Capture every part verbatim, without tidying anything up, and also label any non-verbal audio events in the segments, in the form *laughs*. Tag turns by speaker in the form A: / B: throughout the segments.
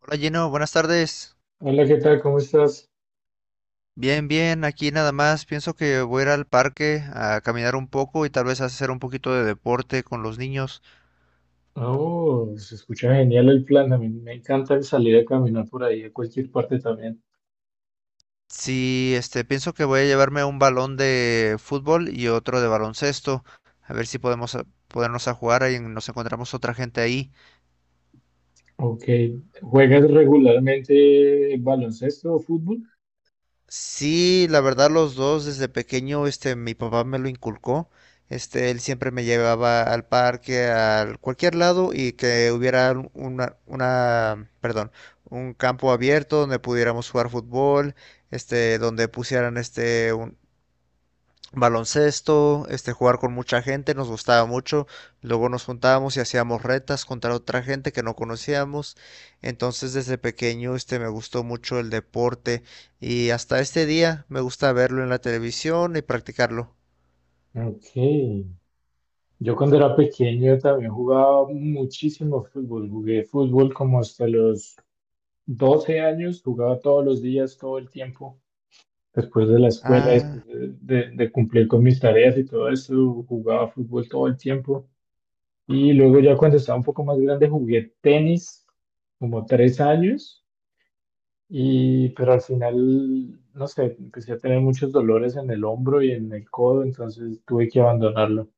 A: Hola Gino, buenas tardes.
B: Hola, ¿qué tal? ¿Cómo estás?
A: Bien, bien, aquí nada más. Pienso que voy a ir al parque a caminar un poco y tal vez hacer un poquito de deporte con los niños.
B: Oh, se escucha genial el plan. A mí me encanta salir a caminar por ahí, a cualquier parte también.
A: Sí, este, pienso que voy a llevarme un balón de fútbol y otro de baloncesto. A ver si podemos a- ponernos a jugar ahí, nos encontramos otra gente ahí.
B: Ok, ¿juegas regularmente baloncesto o fútbol?
A: Sí, la verdad los dos desde pequeño, este, mi papá me lo inculcó. Este, él siempre me llevaba al parque, a cualquier lado y que hubiera un- una, una, perdón, un campo abierto donde pudiéramos jugar fútbol, este, donde pusieran este, un- baloncesto, este, jugar con mucha gente, nos gustaba mucho. Luego nos juntábamos y hacíamos retas contra otra gente que no conocíamos. Entonces desde pequeño este me gustó mucho el deporte y hasta este día me gusta verlo en la televisión y practicarlo.
B: Ok, yo cuando era pequeño también jugaba muchísimo fútbol. Jugué fútbol como hasta los doce años, jugaba todos los días, todo el tiempo. Después de la escuela,
A: Ah,
B: después de, de de cumplir con mis tareas y todo eso, jugaba fútbol todo el tiempo. Y luego ya cuando estaba un poco más grande jugué tenis como tres años, y, pero al final, no sé, empecé a tener muchos dolores en el hombro y en el codo, entonces tuve que abandonarlo.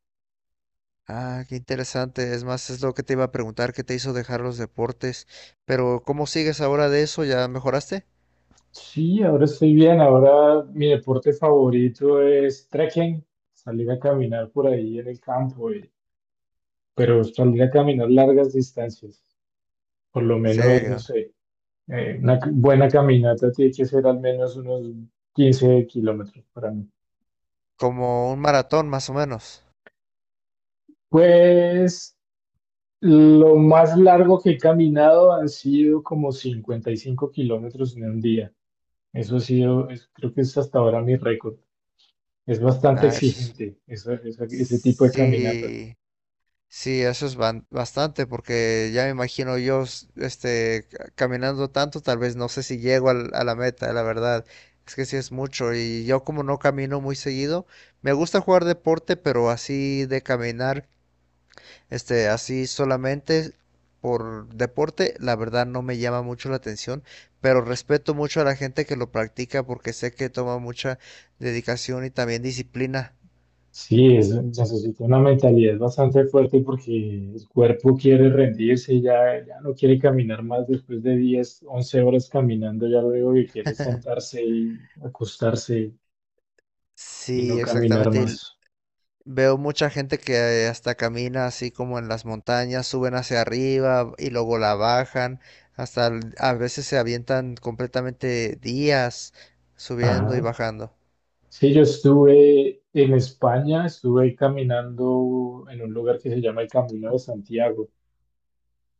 A: ah, qué interesante. Es más, es lo que te iba a preguntar, ¿qué te hizo dejar los deportes? Pero ¿cómo sigues ahora de eso? ¿Ya mejoraste?
B: Sí, ahora estoy bien, ahora mi deporte favorito es trekking, salir a caminar por ahí en el campo, y- pero salir a caminar largas distancias, por lo menos, no
A: Serio,
B: sé, eh, una c- buena caminata tiene que ser al menos unos quince kilómetros para mí.
A: como un maratón más o menos.
B: Pues lo más largo que he caminado han sido como cincuenta y cinco kilómetros en un día. Eso ha sido, es- creo que es hasta ahora mi récord. Es bastante
A: Ah, eso es-
B: exigente esa- esa- ese tipo de caminata.
A: sí. Sí, eso es ban- bastante, porque ya me imagino yo, s- este, ca- caminando tanto, tal vez no sé si llego al- a la meta, la verdad. Es que sí es mucho y yo como no camino muy seguido, me gusta jugar deporte, pero así de caminar, este, así solamente por deporte, la verdad no me llama mucho la atención, pero respeto mucho a la gente que lo practica porque sé que toma mucha dedicación y también disciplina.
B: Sí, es, necesita una mentalidad bastante fuerte porque el cuerpo quiere rendirse, ya, ya no quiere caminar más después de diez once horas caminando, ya luego que quiere
A: *laughs*
B: sentarse y acostarse y no
A: Sí,
B: caminar
A: exactamente.
B: más.
A: Veo mucha gente que hasta camina así como en las montañas, suben hacia arriba y luego la bajan, hasta el- a veces se avientan completamente días subiendo y
B: Ajá.
A: bajando.
B: Sí, yo estuve en España, estuve caminando en un lugar que se llama el Camino de Santiago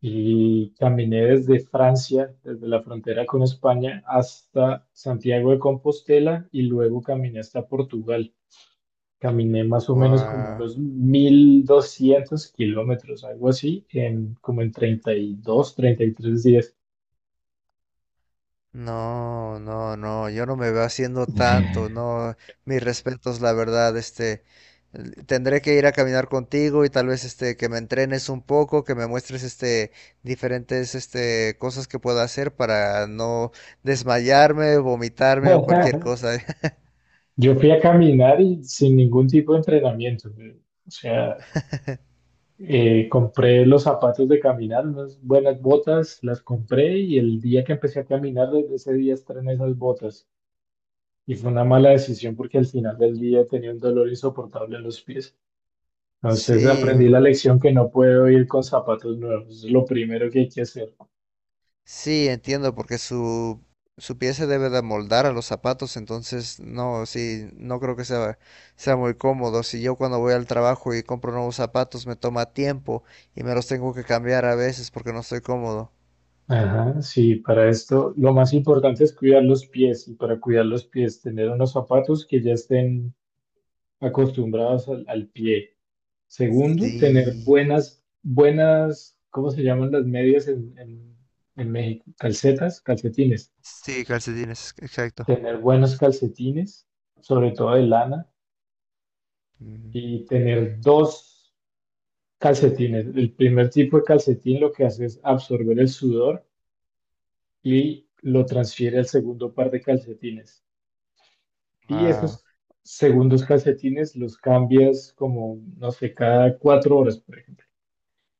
B: y caminé desde Francia, desde la frontera con España, hasta Santiago de Compostela y luego caminé hasta Portugal. Caminé más o menos como
A: Guau.
B: unos mil doscientos kilómetros, algo así, en como en treinta treinta y dos, treinta y tres días.
A: No, no, no, yo no me veo haciendo tanto, no, mis respetos, la verdad, este, l- tendré que ir a caminar contigo y tal vez, este, que me entrenes un poco, que me muestres, este, diferentes, este, cosas que pueda hacer para no desmayarme, vomitarme o cualquier
B: *laughs*
A: cosa. *laughs*
B: Yo fui a caminar y sin ningún tipo de entrenamiento. O sea, Eh, compré los zapatos de caminar, unas buenas botas, las compré y el día que empecé a caminar, desde ese día estrené esas botas. Y fue una mala decisión porque al final del día tenía un dolor insoportable en los pies. Entonces
A: Sí,
B: aprendí la lección que no puedo ir con zapatos nuevos. Es lo primero que hay que hacer.
A: Sí, entiendo, porque su, su pie se debe de moldar a los zapatos, entonces no, sí, no creo que sea, sea muy cómodo. Si yo cuando voy al trabajo y compro nuevos zapatos me toma tiempo y me los tengo que cambiar a veces porque no estoy cómodo.
B: Ajá, sí, para esto lo más importante es cuidar los pies y para cuidar los pies tener unos zapatos que ya estén acostumbrados al, al pie. Segundo, tener
A: Sí,
B: buenas, buenas, ¿cómo se llaman las medias en, en, en México? Calcetas, calcetines.
A: sí, calcetines, exacto.
B: Tener buenos calcetines, sobre todo de lana, y tener dos calcetines. El primer tipo de calcetín lo que hace es absorber el sudor y lo transfiere al segundo par de calcetines. Y
A: Wow.
B: esos segundos calcetines los cambias como, no sé, cada cuatro horas, por ejemplo.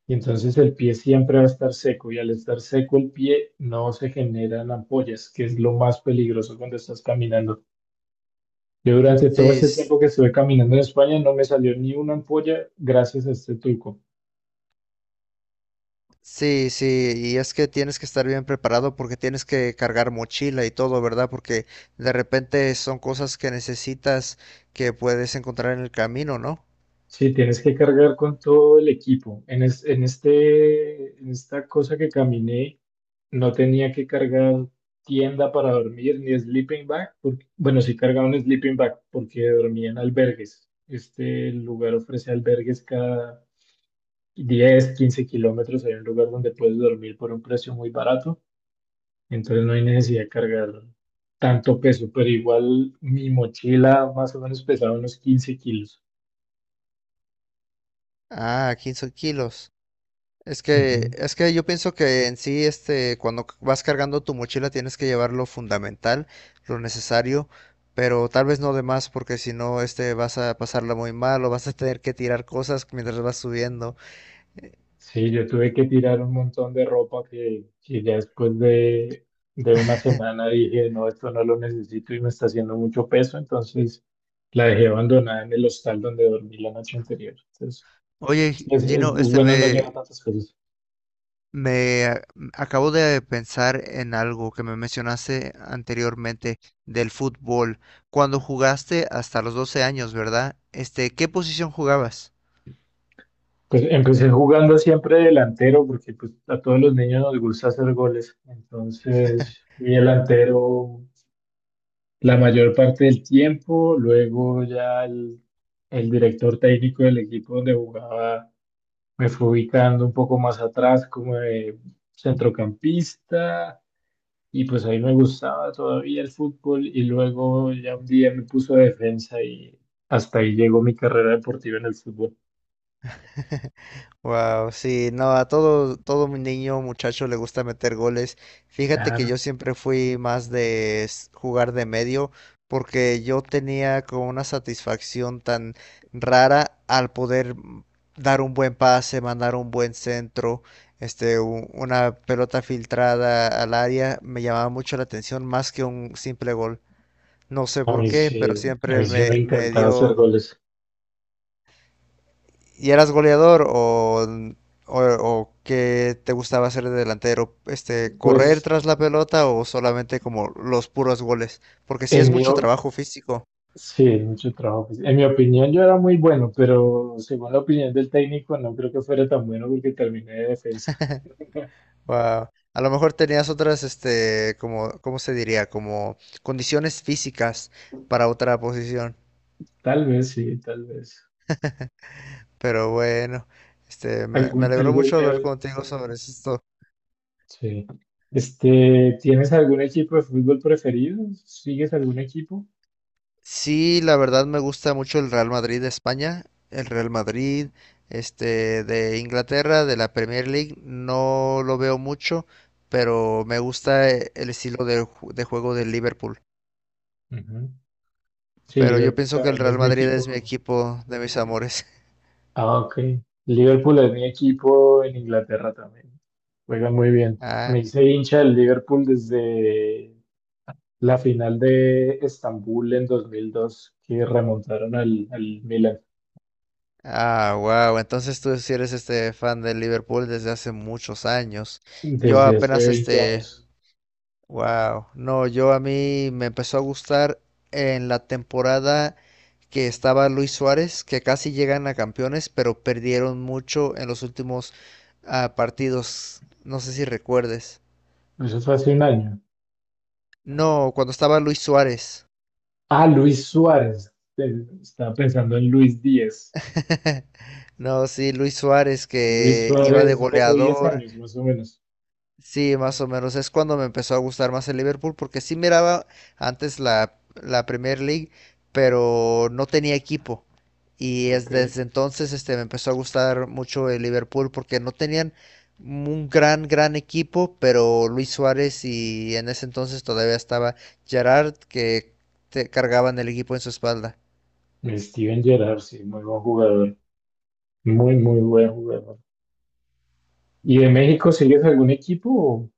B: Y entonces el pie siempre va a estar seco y al estar seco el pie no se generan ampollas, que es lo más peligroso cuando estás caminando. Yo durante todo
A: Sí,
B: este
A: s-
B: tiempo que estuve caminando en España no me salió ni una ampolla gracias a este truco.
A: sí, sí, y es que tienes que estar bien preparado porque tienes que cargar mochila y todo, ¿verdad? Porque de repente son cosas que necesitas que puedes encontrar en el camino, ¿no?
B: Sí, tienes que cargar con todo el equipo. En, es- en este, en esta cosa que caminé, no tenía que cargar tienda para dormir ni sleeping bag, porque, bueno, sí cargaba un sleeping bag porque dormía en albergues. Este lugar ofrece albergues cada diez, quince kilómetros, hay un lugar donde puedes dormir por un precio muy barato, entonces no hay necesidad de cargar tanto peso, pero igual mi mochila más o menos pesaba unos quince kilos.
A: Ah, quince kilos. Es que,
B: Ujú.
A: es que yo pienso que en sí, este, cuando c- vas cargando tu mochila tienes que llevar lo fundamental, lo necesario, pero tal vez no de más porque si no, este, vas a pasarla muy mal o vas a tener que tirar cosas mientras vas subiendo.
B: Sí, yo tuve que tirar un montón de ropa que, que ya después de, de una semana dije, no, esto no lo necesito y me está haciendo mucho peso, entonces la dejé abandonada en el hostal donde dormí la noche anterior. Entonces,
A: Oye,
B: sí, es, es-
A: Gino,
B: es
A: este
B: bueno no
A: me,
B: llevar tantas cosas.
A: Me a- acabo de pensar en algo que me mencionaste anteriormente del fútbol. Cuando jugaste hasta los doce años, ¿verdad? Este, ¿qué posición jugabas?
B: Pues empecé jugando siempre delantero porque pues, a todos los niños nos gusta hacer goles. Entonces fui delantero la mayor parte del tiempo. Luego ya el, el director técnico del equipo donde jugaba me fue ubicando un poco más atrás como de centrocampista y pues ahí me gustaba todavía el fútbol y luego ya un día me puso de defensa y hasta ahí llegó mi carrera deportiva en el fútbol.
A: *laughs* Wow, sí, no, a todo, todo mi niño, muchacho le gusta meter goles. Fíjate que yo
B: Claro.
A: siempre fui más de s- jugar de medio, porque yo tenía como una satisfacción tan rara al poder mm, dar un buen pase, mandar un buen centro, este, u- una pelota filtrada al área, me llamaba mucho la atención más que un simple gol. No sé
B: A
A: por
B: mí
A: qué,
B: sí,
A: pero sí
B: a mí
A: siempre
B: sí me
A: me, me
B: encantaba hacer
A: dio.
B: goles.
A: ¿Y eras goleador o, o, o qué te gustaba hacer de delantero? Este, ¿correr
B: Pues
A: tras la pelota o solamente como los puros goles? Porque sí
B: en
A: es
B: mi,
A: mucho
B: o-
A: trabajo físico.
B: sí, mucho trabajo. pues, en mi opinión yo era muy bueno, pero según la opinión del técnico no creo que fuera tan bueno porque terminé de defensa.
A: Wow. A lo mejor tenías otras, este, como, ¿cómo se diría? Como condiciones físicas para otra posición.
B: Tal vez sí, tal vez.
A: Pero bueno, este, me, me
B: Algún,
A: alegró
B: algún,
A: mucho hablar
B: eh,
A: contigo sobre esto.
B: sí. Este, ¿tienes algún equipo de fútbol preferido? ¿Sigues algún equipo?
A: Sí, la verdad me gusta mucho el Real Madrid de España, el Real Madrid, este, de Inglaterra, de la Premier League, no lo veo mucho, pero me gusta eh, el estilo de, ju- de juego del Liverpool.
B: Ujú. Sí,
A: Pero yo
B: Liverpool
A: pienso que el
B: también
A: Real
B: es mi
A: Madrid es
B: equipo.
A: mi equipo de mis amores. *laughs*
B: Ah, ok. Liverpool es mi equipo en Inglaterra también. Juegan muy bien.
A: Ah,
B: Me hice hincha del Liverpool desde la final de Estambul en dos mil dos, que remontaron al, al Milan.
A: ah, wow. Entonces tú sí eres este fan del Liverpool desde hace muchos años. Yo
B: Desde hace
A: apenas
B: veinte
A: este
B: años.
A: Wow, no, yo a mí me empezó a gustar en la temporada que estaba Luis Suárez, que casi llegan a campeones, pero perdieron mucho en los últimos ah, partidos. No sé si recuerdes.
B: Eso fue hace un año.
A: No, cuando estaba Luis Suárez.
B: Ah, Luis Suárez. Eh, Estaba pensando en Luis Díaz.
A: *laughs* No, sí, Luis Suárez
B: Luis
A: que iba de
B: Suárez fue hace diez
A: goleador.
B: años, más o menos.
A: Sí, más o menos. Es cuando me empezó a gustar más el Liverpool, porque sí miraba antes la, la Premier League, pero no tenía equipo. Y
B: Ok.
A: es desde entonces este, me empezó a gustar mucho el Liverpool, porque no tenían un gran, gran equipo, pero Luis Suárez y en ese entonces todavía estaba Gerard, que te cargaban el equipo en su espalda.
B: Steven Gerrard, sí, muy buen jugador. Muy, muy buen jugador. ¿Y de México sigues algún equipo?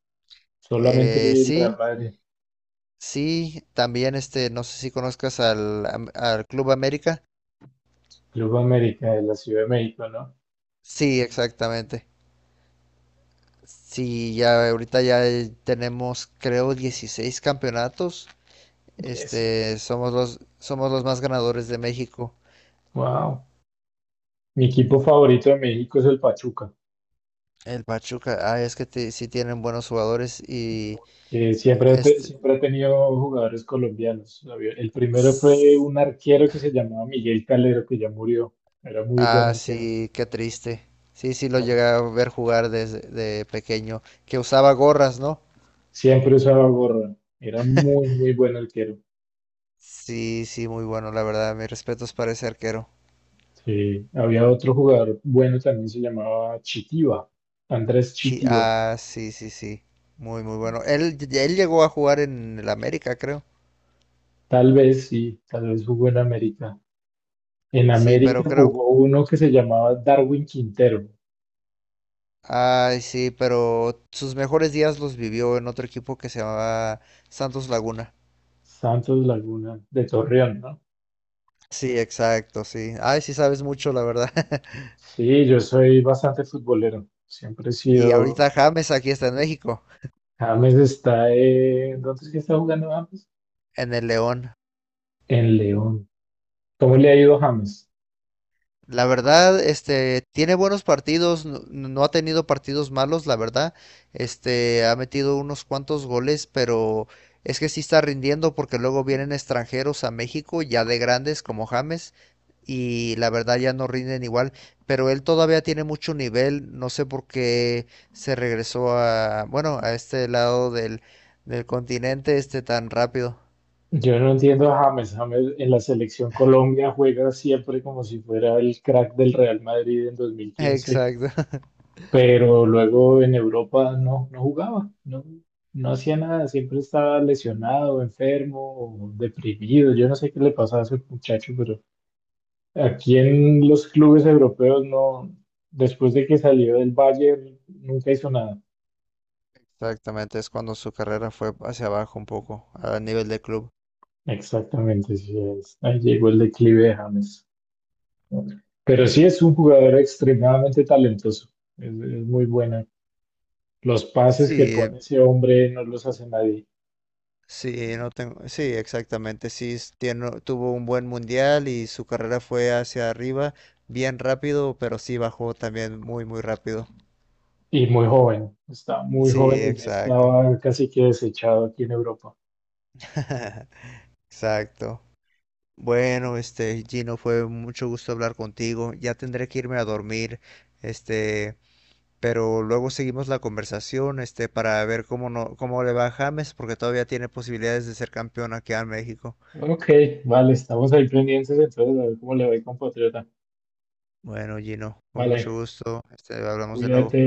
B: Solamente
A: Eh,
B: el Real
A: sí,
B: Madrid.
A: sí, también este, no sé si conozcas al, am- al Club América.
B: Club América de la Ciudad de México, ¿no?
A: Sí, exactamente. Sí, ya ahorita ya eh, tenemos creo dieciséis campeonatos.
B: Diez.
A: Este, somos los somos los más ganadores de México.
B: Wow. Mi equipo favorito de México es el Pachuca,
A: El Pachuca, ah, es que te- sí tienen buenos jugadores y
B: que siempre, ha te-
A: este
B: siempre ha tenido jugadores colombianos. Había- El primero fue
A: s-
B: un arquero que se llamaba Miguel Calero, que ya murió. Era muy buen
A: ah,
B: arquero.
A: sí, qué triste. Sí, sí lo
B: Ah,
A: llegué a ver jugar desde de pequeño, que usaba gorras, ¿no?
B: siempre usaba gorra. Era muy, muy buen arquero.
A: Sí, sí, muy bueno, la verdad, mis respetos para ese arquero.
B: Sí. Había otro jugador bueno también, se llamaba Chitiva, Andrés
A: Chi-
B: Chitiva.
A: ah, sí, sí, sí. Muy, muy bueno. Él, él llegó a jugar en el América, creo.
B: Tal vez sí, tal vez jugó en América. En
A: Sí, pero
B: América
A: creo,
B: jugó uno que se llamaba Darwin Quintero.
A: ay, sí, pero sus mejores días los vivió en otro equipo que se llamaba Santos Laguna.
B: Santos Laguna de Torreón, ¿no?
A: Sí, exacto, sí. Ay, sí sabes mucho, la verdad. *laughs*
B: Sí, yo soy bastante futbolero. Siempre he
A: Y ahorita
B: sido.
A: James aquí está en México,
B: James está en. ¿Dónde es que está jugando James?
A: en el León.
B: En León. ¿Cómo le ha ido a James?
A: La verdad, este, tiene buenos partidos, no, no no ha tenido partidos malos, la verdad. Este, ha metido unos cuantos goles, pero es que sí está rindiendo porque luego vienen extranjeros a México, ya de grandes como James, y la verdad ya no rinden igual, pero él todavía tiene mucho nivel, no sé por qué se regresó a, bueno, a este lado del, del continente este tan rápido.
B: Yo no entiendo a James. James en la selección Colombia juega siempre como si fuera el crack del Real Madrid en
A: *laughs*
B: dos mil quince,
A: Exacto.
B: pero luego en Europa no, no jugaba, no, no hacía nada, siempre estaba lesionado, enfermo, o deprimido, yo no sé qué le pasaba a ese muchacho, pero aquí en los clubes europeos no, después de que salió del Bayern, nunca hizo nada.
A: Exactamente, es cuando su carrera fue hacia abajo un poco, a nivel de club.
B: Exactamente, sí es. Ahí llegó el declive de James. Pero sí es un jugador extremadamente talentoso, es, es muy bueno. Los pases que
A: Sí,
B: pone ese hombre no los hace nadie.
A: sí, no tengo, sí, exactamente, sí, es- tiene- tuvo un buen mundial y su carrera fue hacia arriba, bien rápido, pero sí bajó también muy, muy rápido.
B: Y muy joven, está muy
A: Sí,
B: joven y ya
A: exacto,
B: estaba casi que desechado aquí en Europa.
A: *laughs* exacto. Bueno, este, Gino, fue mucho gusto hablar contigo, ya tendré que irme a dormir, este, pero luego seguimos la conversación, este, para ver cómo no, cómo le va a James, porque todavía tiene posibilidades de ser campeón aquí en México.
B: Ok, vale, estamos ahí pendientes entonces a ver cómo le va el compatriota.
A: Bueno, Gino, con mucho
B: Vale,
A: gusto. Este, hablamos de nuevo.
B: cuídate.